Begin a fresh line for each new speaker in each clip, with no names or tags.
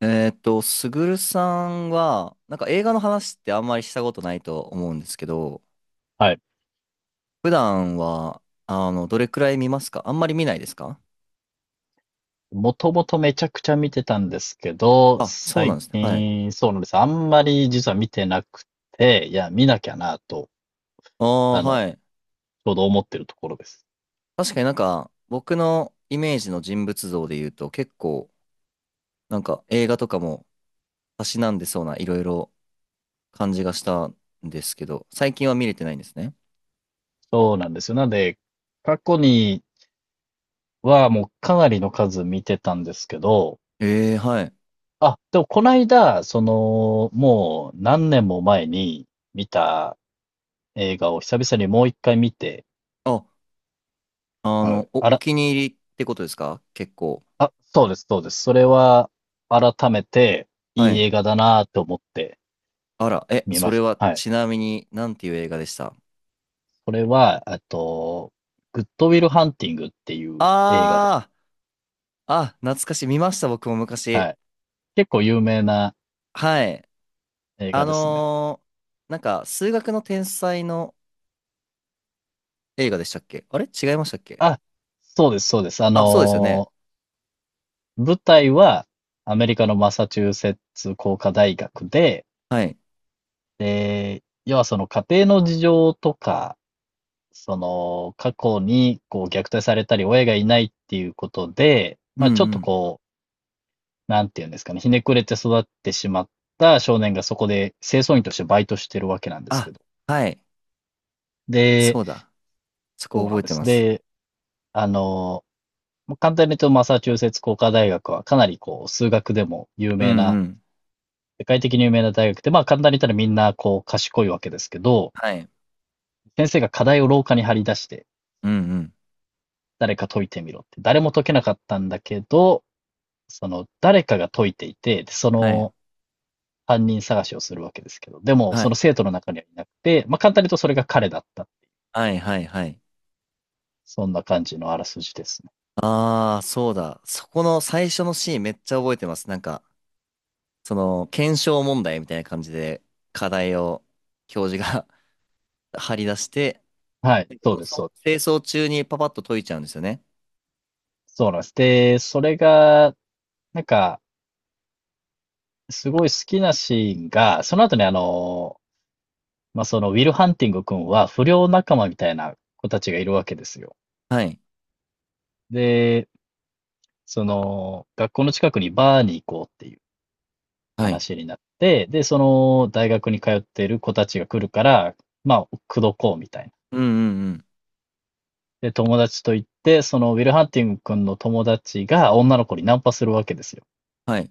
すぐるさんは、なんか映画の話ってあんまりしたことないと思うんですけど、
はい。
普段は、どれくらい見ますか？あんまり見ないですか？
もともとめちゃくちゃ見てたんですけど、
あ、そうなん
最
ですね。はい。
近、そうなんです。あんまり実は見てなくて、いや、見なきゃなと、
ああ、
あの、
はい。
ちょうど思ってるところです。
確かになんか、僕のイメージの人物像で言うと、結構、なんか映画とかも、たしなんでそうないろいろ感じがしたんですけど、最近は見れてないんですね。
そうなんですよ。なんで、過去にはもうかなりの数見てたんですけど、
ええ、はい。
あ、でもこの間、その、もう何年も前に見た映画を久々にもう一回見て、
あ、あ
は
の、
い。
お、
あ
お
ら、
気に入りってことですか？結構。
あ、そうです、そうです。それは改めて
は
いい
い。
映画だなと思って、
あら、え、
見
そ
ま
れ
し
は
た。はい。
ちなみになんていう映画でした？
それは、グッドウィルハンティングっていう映画です。
あー、あ、懐かしい。見ました、僕も昔。
はい。結構有名な
はい。
映画
あ
ですね。
のー、なんか、数学の天才の映画でしたっけ？あれ違いましたっけ？
あ、そうです、そうです。
あ、そうですよね。
舞台はアメリカのマサチューセッツ工科大学で、
はい。
で、要はその家庭の事情とか、その過去にこう虐待されたり親がいないっていうことで、
う
ま
ん
あ
う
ちょっと
ん。
こなんていうんですかね、ひねくれて育ってしまった少年がそこで清掃員としてバイトしてるわけなんですけ
あ、
ど。
はい。
で、
そうだ。そこ
そうな
覚
ん
え
で
て
す。
ます。
で、あの、簡単に言うとマサチューセッツ工科大学はかなりこう数学でも有
う
名
ん
な、
うん。
世界的に有名な大学で、まあ簡単に言ったらみんなこう賢いわけですけど、
はい。
先生が課題を廊下に張り出して
うんうん。
誰か解いてみろって、誰も解けなかったんだけど、その誰かが解いていて、そ
はい。
の犯人探しをするわけですけど、でも、
は
その
い。
生徒の中にはいなくて、まあ、簡単に言うとそれが彼だった。
はいはいはい。
そんな感じのあらすじですね。
あー、そうだ。そこの最初のシーンめっちゃ覚えてます。なんか、その、検証問題みたいな感じで、課題を教授が 張り出して、
はい、そ
そ
う
の
です、そう
そ
で
う清掃中にパパッと解いちゃうんですよね。
す。そうなんです。で、それが、なんか、すごい好きなシーンが、その後にまあ、そのウィル・ハンティング君は不良仲間みたいな子たちがいるわけですよ。
はい。
で、その、学校の近くにバーに行こうっていう
はい。
話になって、で、その大学に通っている子たちが来るから、まあ、口説こうみたいな。
うんうんうん。
で、友達と行って、そのウィル・ハンティング君の友達が女の子にナンパするわけですよ。
はい。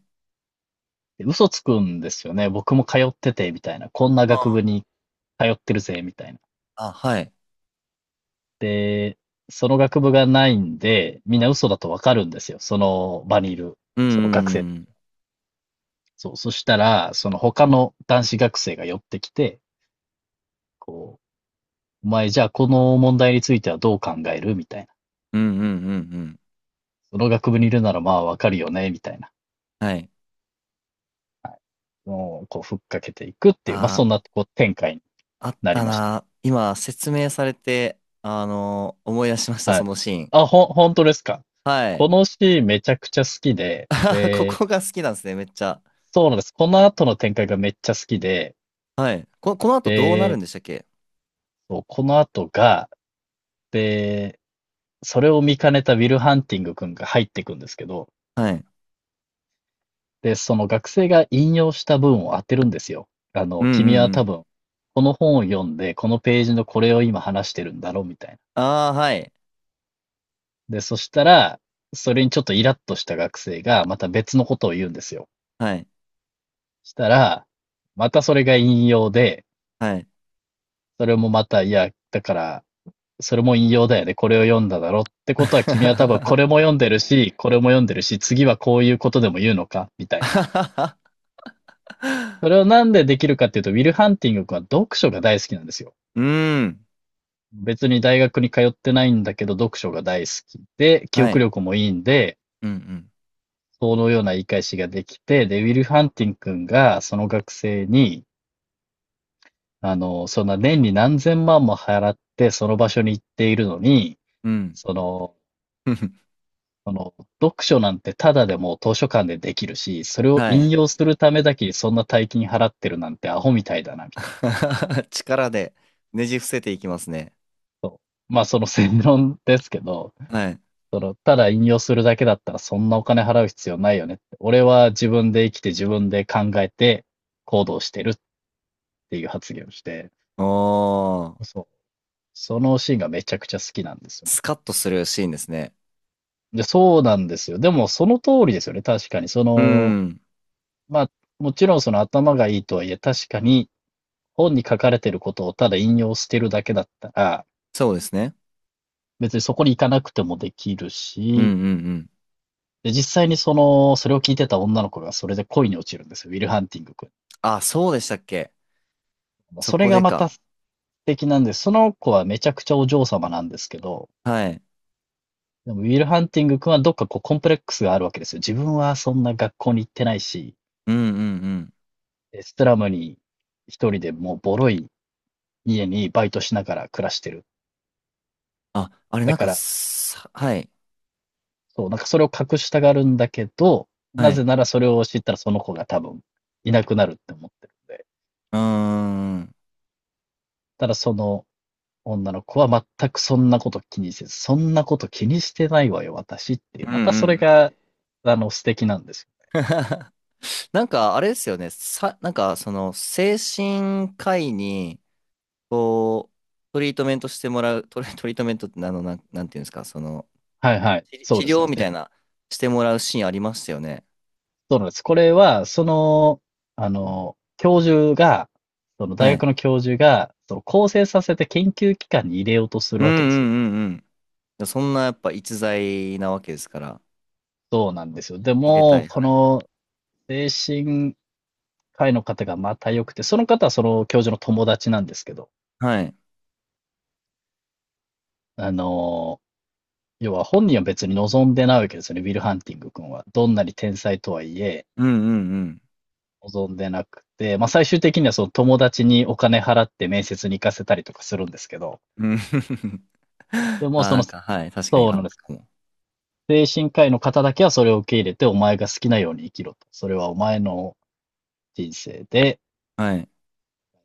で、嘘つくんですよね。僕も通ってて、みたいな。こんな
あ
学
ー。
部に通ってるぜ、みたいな。
あ、はい。
で、その学部がないんで、みんな嘘だとわかるんですよ。その場にいる、
うんう
その学生た
んう
ち。
ん。
そう。そしたら、その他の男子学生が寄ってきて、こう、お前じゃあこの問題についてはどう考えるみたいな。
うんうんうんうん。
その学部にいるならまあわかるよねみたいな。
はい。
の、こう、ふっかけていくっていう、まあ、
あ
そんな、こう、展開に
あ、あっ
なり
た
まし
な。今、説明されて、あのー思い出しまし
た。
た、
は
そ
い。
のシーン。
あ、本当ですか？
はい。
このシーンめちゃくちゃ好きで、
こ
で、
こが好きなんですね、めっちゃ。
そうなんです。この後の展開がめっちゃ好きで、
はい。こ、この後どうなる
で、
んでしたっけ？
そうこの後が、で、それを見かねたウィル・ハンティング君が入ってくんですけど、
はい。
で、その学生が引用した文を当てるんですよ。あ
う
の、
んう
君
ん
は
う
多
ん。
分、この本を読んで、このページのこれを今話してるんだろうみたいな。
ああ、はい。
で、そしたら、それにちょっとイラッとした学生が、また別のことを言うんですよ。
はい。
したら、またそれが引用で、
はい。
それもまた、いや、だから、それも引用だよね。これを読んだだろってことは、君は多分これ も読んでるし、これも読んでるし、次はこういうことでも言うのかみたいな。それをなんでできるかっていうと、ウィル・ハンティング君は読書が大好きなんですよ。
うーん。
別に大学に通ってないんだけど、読書が大好きで、記
は
憶
い。
力もいいんで、
うん
そのような言い返しができて、で、ウィル・ハンティン君が、その学生に、あの、そんな年に何千万も払って、その場所に行っているのに、
うん。
その、
うん。
その読書なんてただでも図書館でできるし、それを
は
引
い。
用するためだけにそんな大金払ってるなんてアホみたいだな、みたいな。
力でねじ伏せていきますね。
そうまあ、その正論ですけど、
はい。
その、ただ引用するだけだったらそんなお金払う必要ないよねって。俺は自分で生きて自分で考えて行動してるっていう発言をして、
おー。
そう。そのシーンがめちゃくちゃ好きなんですよね。
スカッとするシーンですね。
で、そうなんですよ。でも、その通りですよね。確かに。そ
うー
の、
ん。
まあ、もちろんその頭がいいとはいえ、確かに本に書かれてることをただ引用してるだけだったら、
そうですね。
別にそこに行かなくてもできる
うん
し、
うんうん。
で、実際にその、それを聞いてた女の子がそれで恋に落ちるんですよ。ウィル・ハンティング君。
あ、そうでしたっけ。そ
それ
こで
がまた
か。
素敵なんです。その子はめちゃくちゃお嬢様なんですけど、
はい。
でもウィル・ハンティング君はどっかこうコンプレックスがあるわけですよ。自分はそんな学校に行ってないし、
うんうんうん。
で、ストラムに一人でもうボロい家にバイトしながら暮らしてる。
あ、あれ
だ
なん
か
か
ら、
さ、はい。
そう、なんかそれを隠したがるんだけど、
は
なぜ
い。
ならそれを知ったらその子が多分いなくなるって思ってるんで。
うーん。
ただその女の子は全くそんなこと気にせず、そんなこと気にしてないわよ、私っていう。
うん
また
う
それ
ん。
が、あの、素敵なんですよ。
なんか、あれですよね。さ、なんか、その、精神科医に、こう、トリートメントしてもらう、トリ、トリートメントってあの、なんていうんですか、その、
はいはい。
治
そ
治
うです
療
ね。
みたいな、してもらうシーンありましたよね。
そうなんです。これは、その、あの、教授が、その大
は
学
い。
の教授が、その構成させて研究機関に入れようとす
う
る
んう
わけですよ。
んうんうん。そんな、やっぱ、逸材なわけですから、
そうなんですよ。で
入れた
も、
い。
こ
はい。
の精神科医の方がまた良くて、その方はその教授の友達なんですけど、
はい。
あの、要は本人は別に望んでないわけですよね、ウィル・ハンティング君は。どんなに天才とはいえ、
うんうん
望んでなくて、まあ最終的にはその友達にお金払って面接に行かせたりとかするんですけど、
うん。うん。
で
あ、
もそ
な
の、
んか、はい。確かに
そう
あっ
なんで
た
す。
かも。
精神科医の方だけはそれを受け入れて、お前が好きなように生きろと。それはお前の人生で、
はい。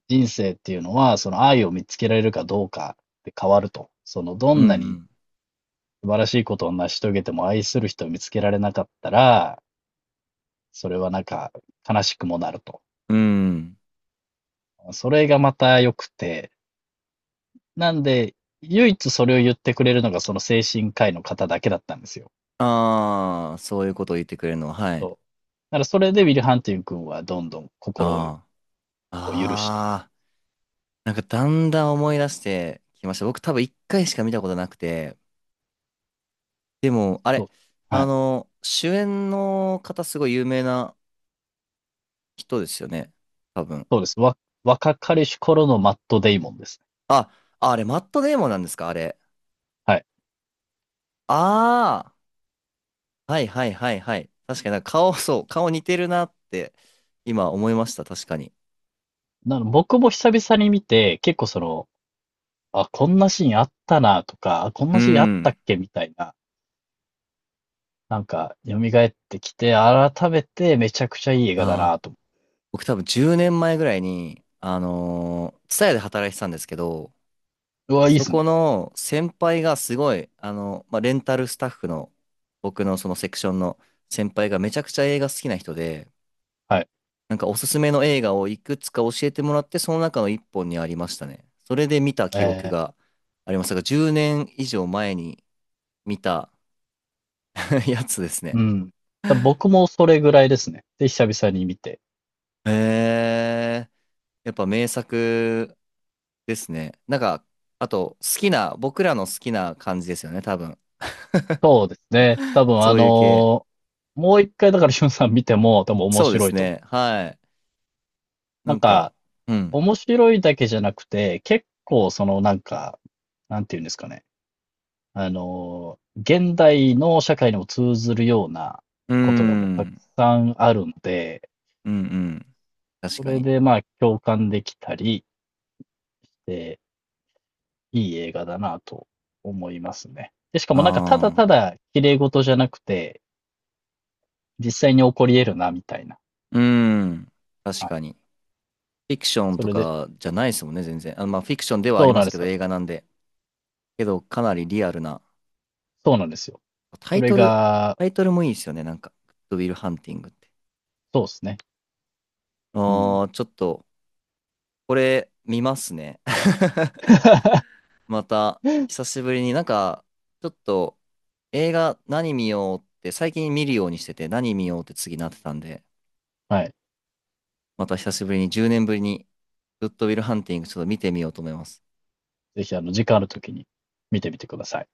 人生っていうのは、その愛を見つけられるかどうかで変わると。その、ど
う
んなに
ん
素晴らしいことを成し遂げても愛する人を見つけられなかったら、それはなんか悲しくもなると。
うん。うん。
それがまた良くて、なんで、唯一それを言ってくれるのがその精神科医の方だけだったんですよ。
ああ、そういうことを言ってくれるのは、は
そう。
い。
だからそれでウィル・ハンティング君はどんどん心
ああ。
を許して、
ああ、なんかだんだん思い出してきました。僕多分一回しか見たことなくて、でも、あ
そ
れ、
う。
あ
はい。
の、主演の方すごい有名な人ですよね。多分。
そうです。若かりし頃のマット・デイモンですね。
あ、あ、あれ、マットデーモンなんですか？あれ。
はい。
ああ、はいはいはいはい。確かになんか顔、そう、顔似てるなって今思いました。確かに。
なの、僕も久々に見て、結構その、あ、こんなシーンあったなとか、あこん
う
なシーンあった
ん。
っけみたいな、なんか、蘇ってきて、改めてめちゃくちゃいい映画だ
あ
な
あ、
と。
僕多分10年前ぐらいに、あのー、ツタヤで働いてたんですけど、
うわ、いいで
そ
す
こ
ね。
の先輩がすごい、あの、まあ、レンタルスタッフの僕のそのセクションの先輩がめちゃくちゃ映画好きな人で、
はい。
なんかおすすめの映画をいくつか教えてもらって、その中の一本にありましたね。それで見た記憶
え
がありますが、10年以上前に見た やつですね。
うん。だ僕もそれぐらいですね。で、久々に見て。
へえ、やっぱ名作ですね。なんか、あと好きな、僕らの好きな感じですよね、多分。
そうですね。多分
そういう系。
もう一回だからしゅんさん見ても多分面
そうで
白
す
いと思
ね。
う。
はい。な
なん
んか、
か、
うん。
面白いだけじゃなくて、結構そのなんか、なんていうんですかね。あの、現代の社会にも通ずるような
うー
ことがもうたく
ん。
さんあるんで、
うんうん。確
そ
か
れ
に。
でまあ共感できたりで、いい映画だなと思いますね。で、しかもなんかただ
あ
た
あ。
だ綺麗事じゃなくて、実際に起こり得るなみたいな。
うーん。確
は
か
い。
に。フィクション
そ
と
れで、
かじゃないですもんね、全然。あ、まあ、フィクションではあ
そ
り
う
ま
なん
す
で
け
す
ど、
よ。
映画なんで。けど、かなりリアルな。
そうなんですよ。
タ
そ
イ
れ
トル、
が、
タイトルもいいですよね、なんか。グッドウィルハンティングって。
そうですね。うん。
ああ、ちょっと、これ、見ますね。また、久しぶりになんか、ちょっと、映画何見ようって、最近見るようにしてて、何見ようって次なってたんで、
はい。
また久しぶりに10年ぶりにグッドウィルハンティングちょっと見てみようと思います。
ぜひ、あの、時間あるときに見てみてください。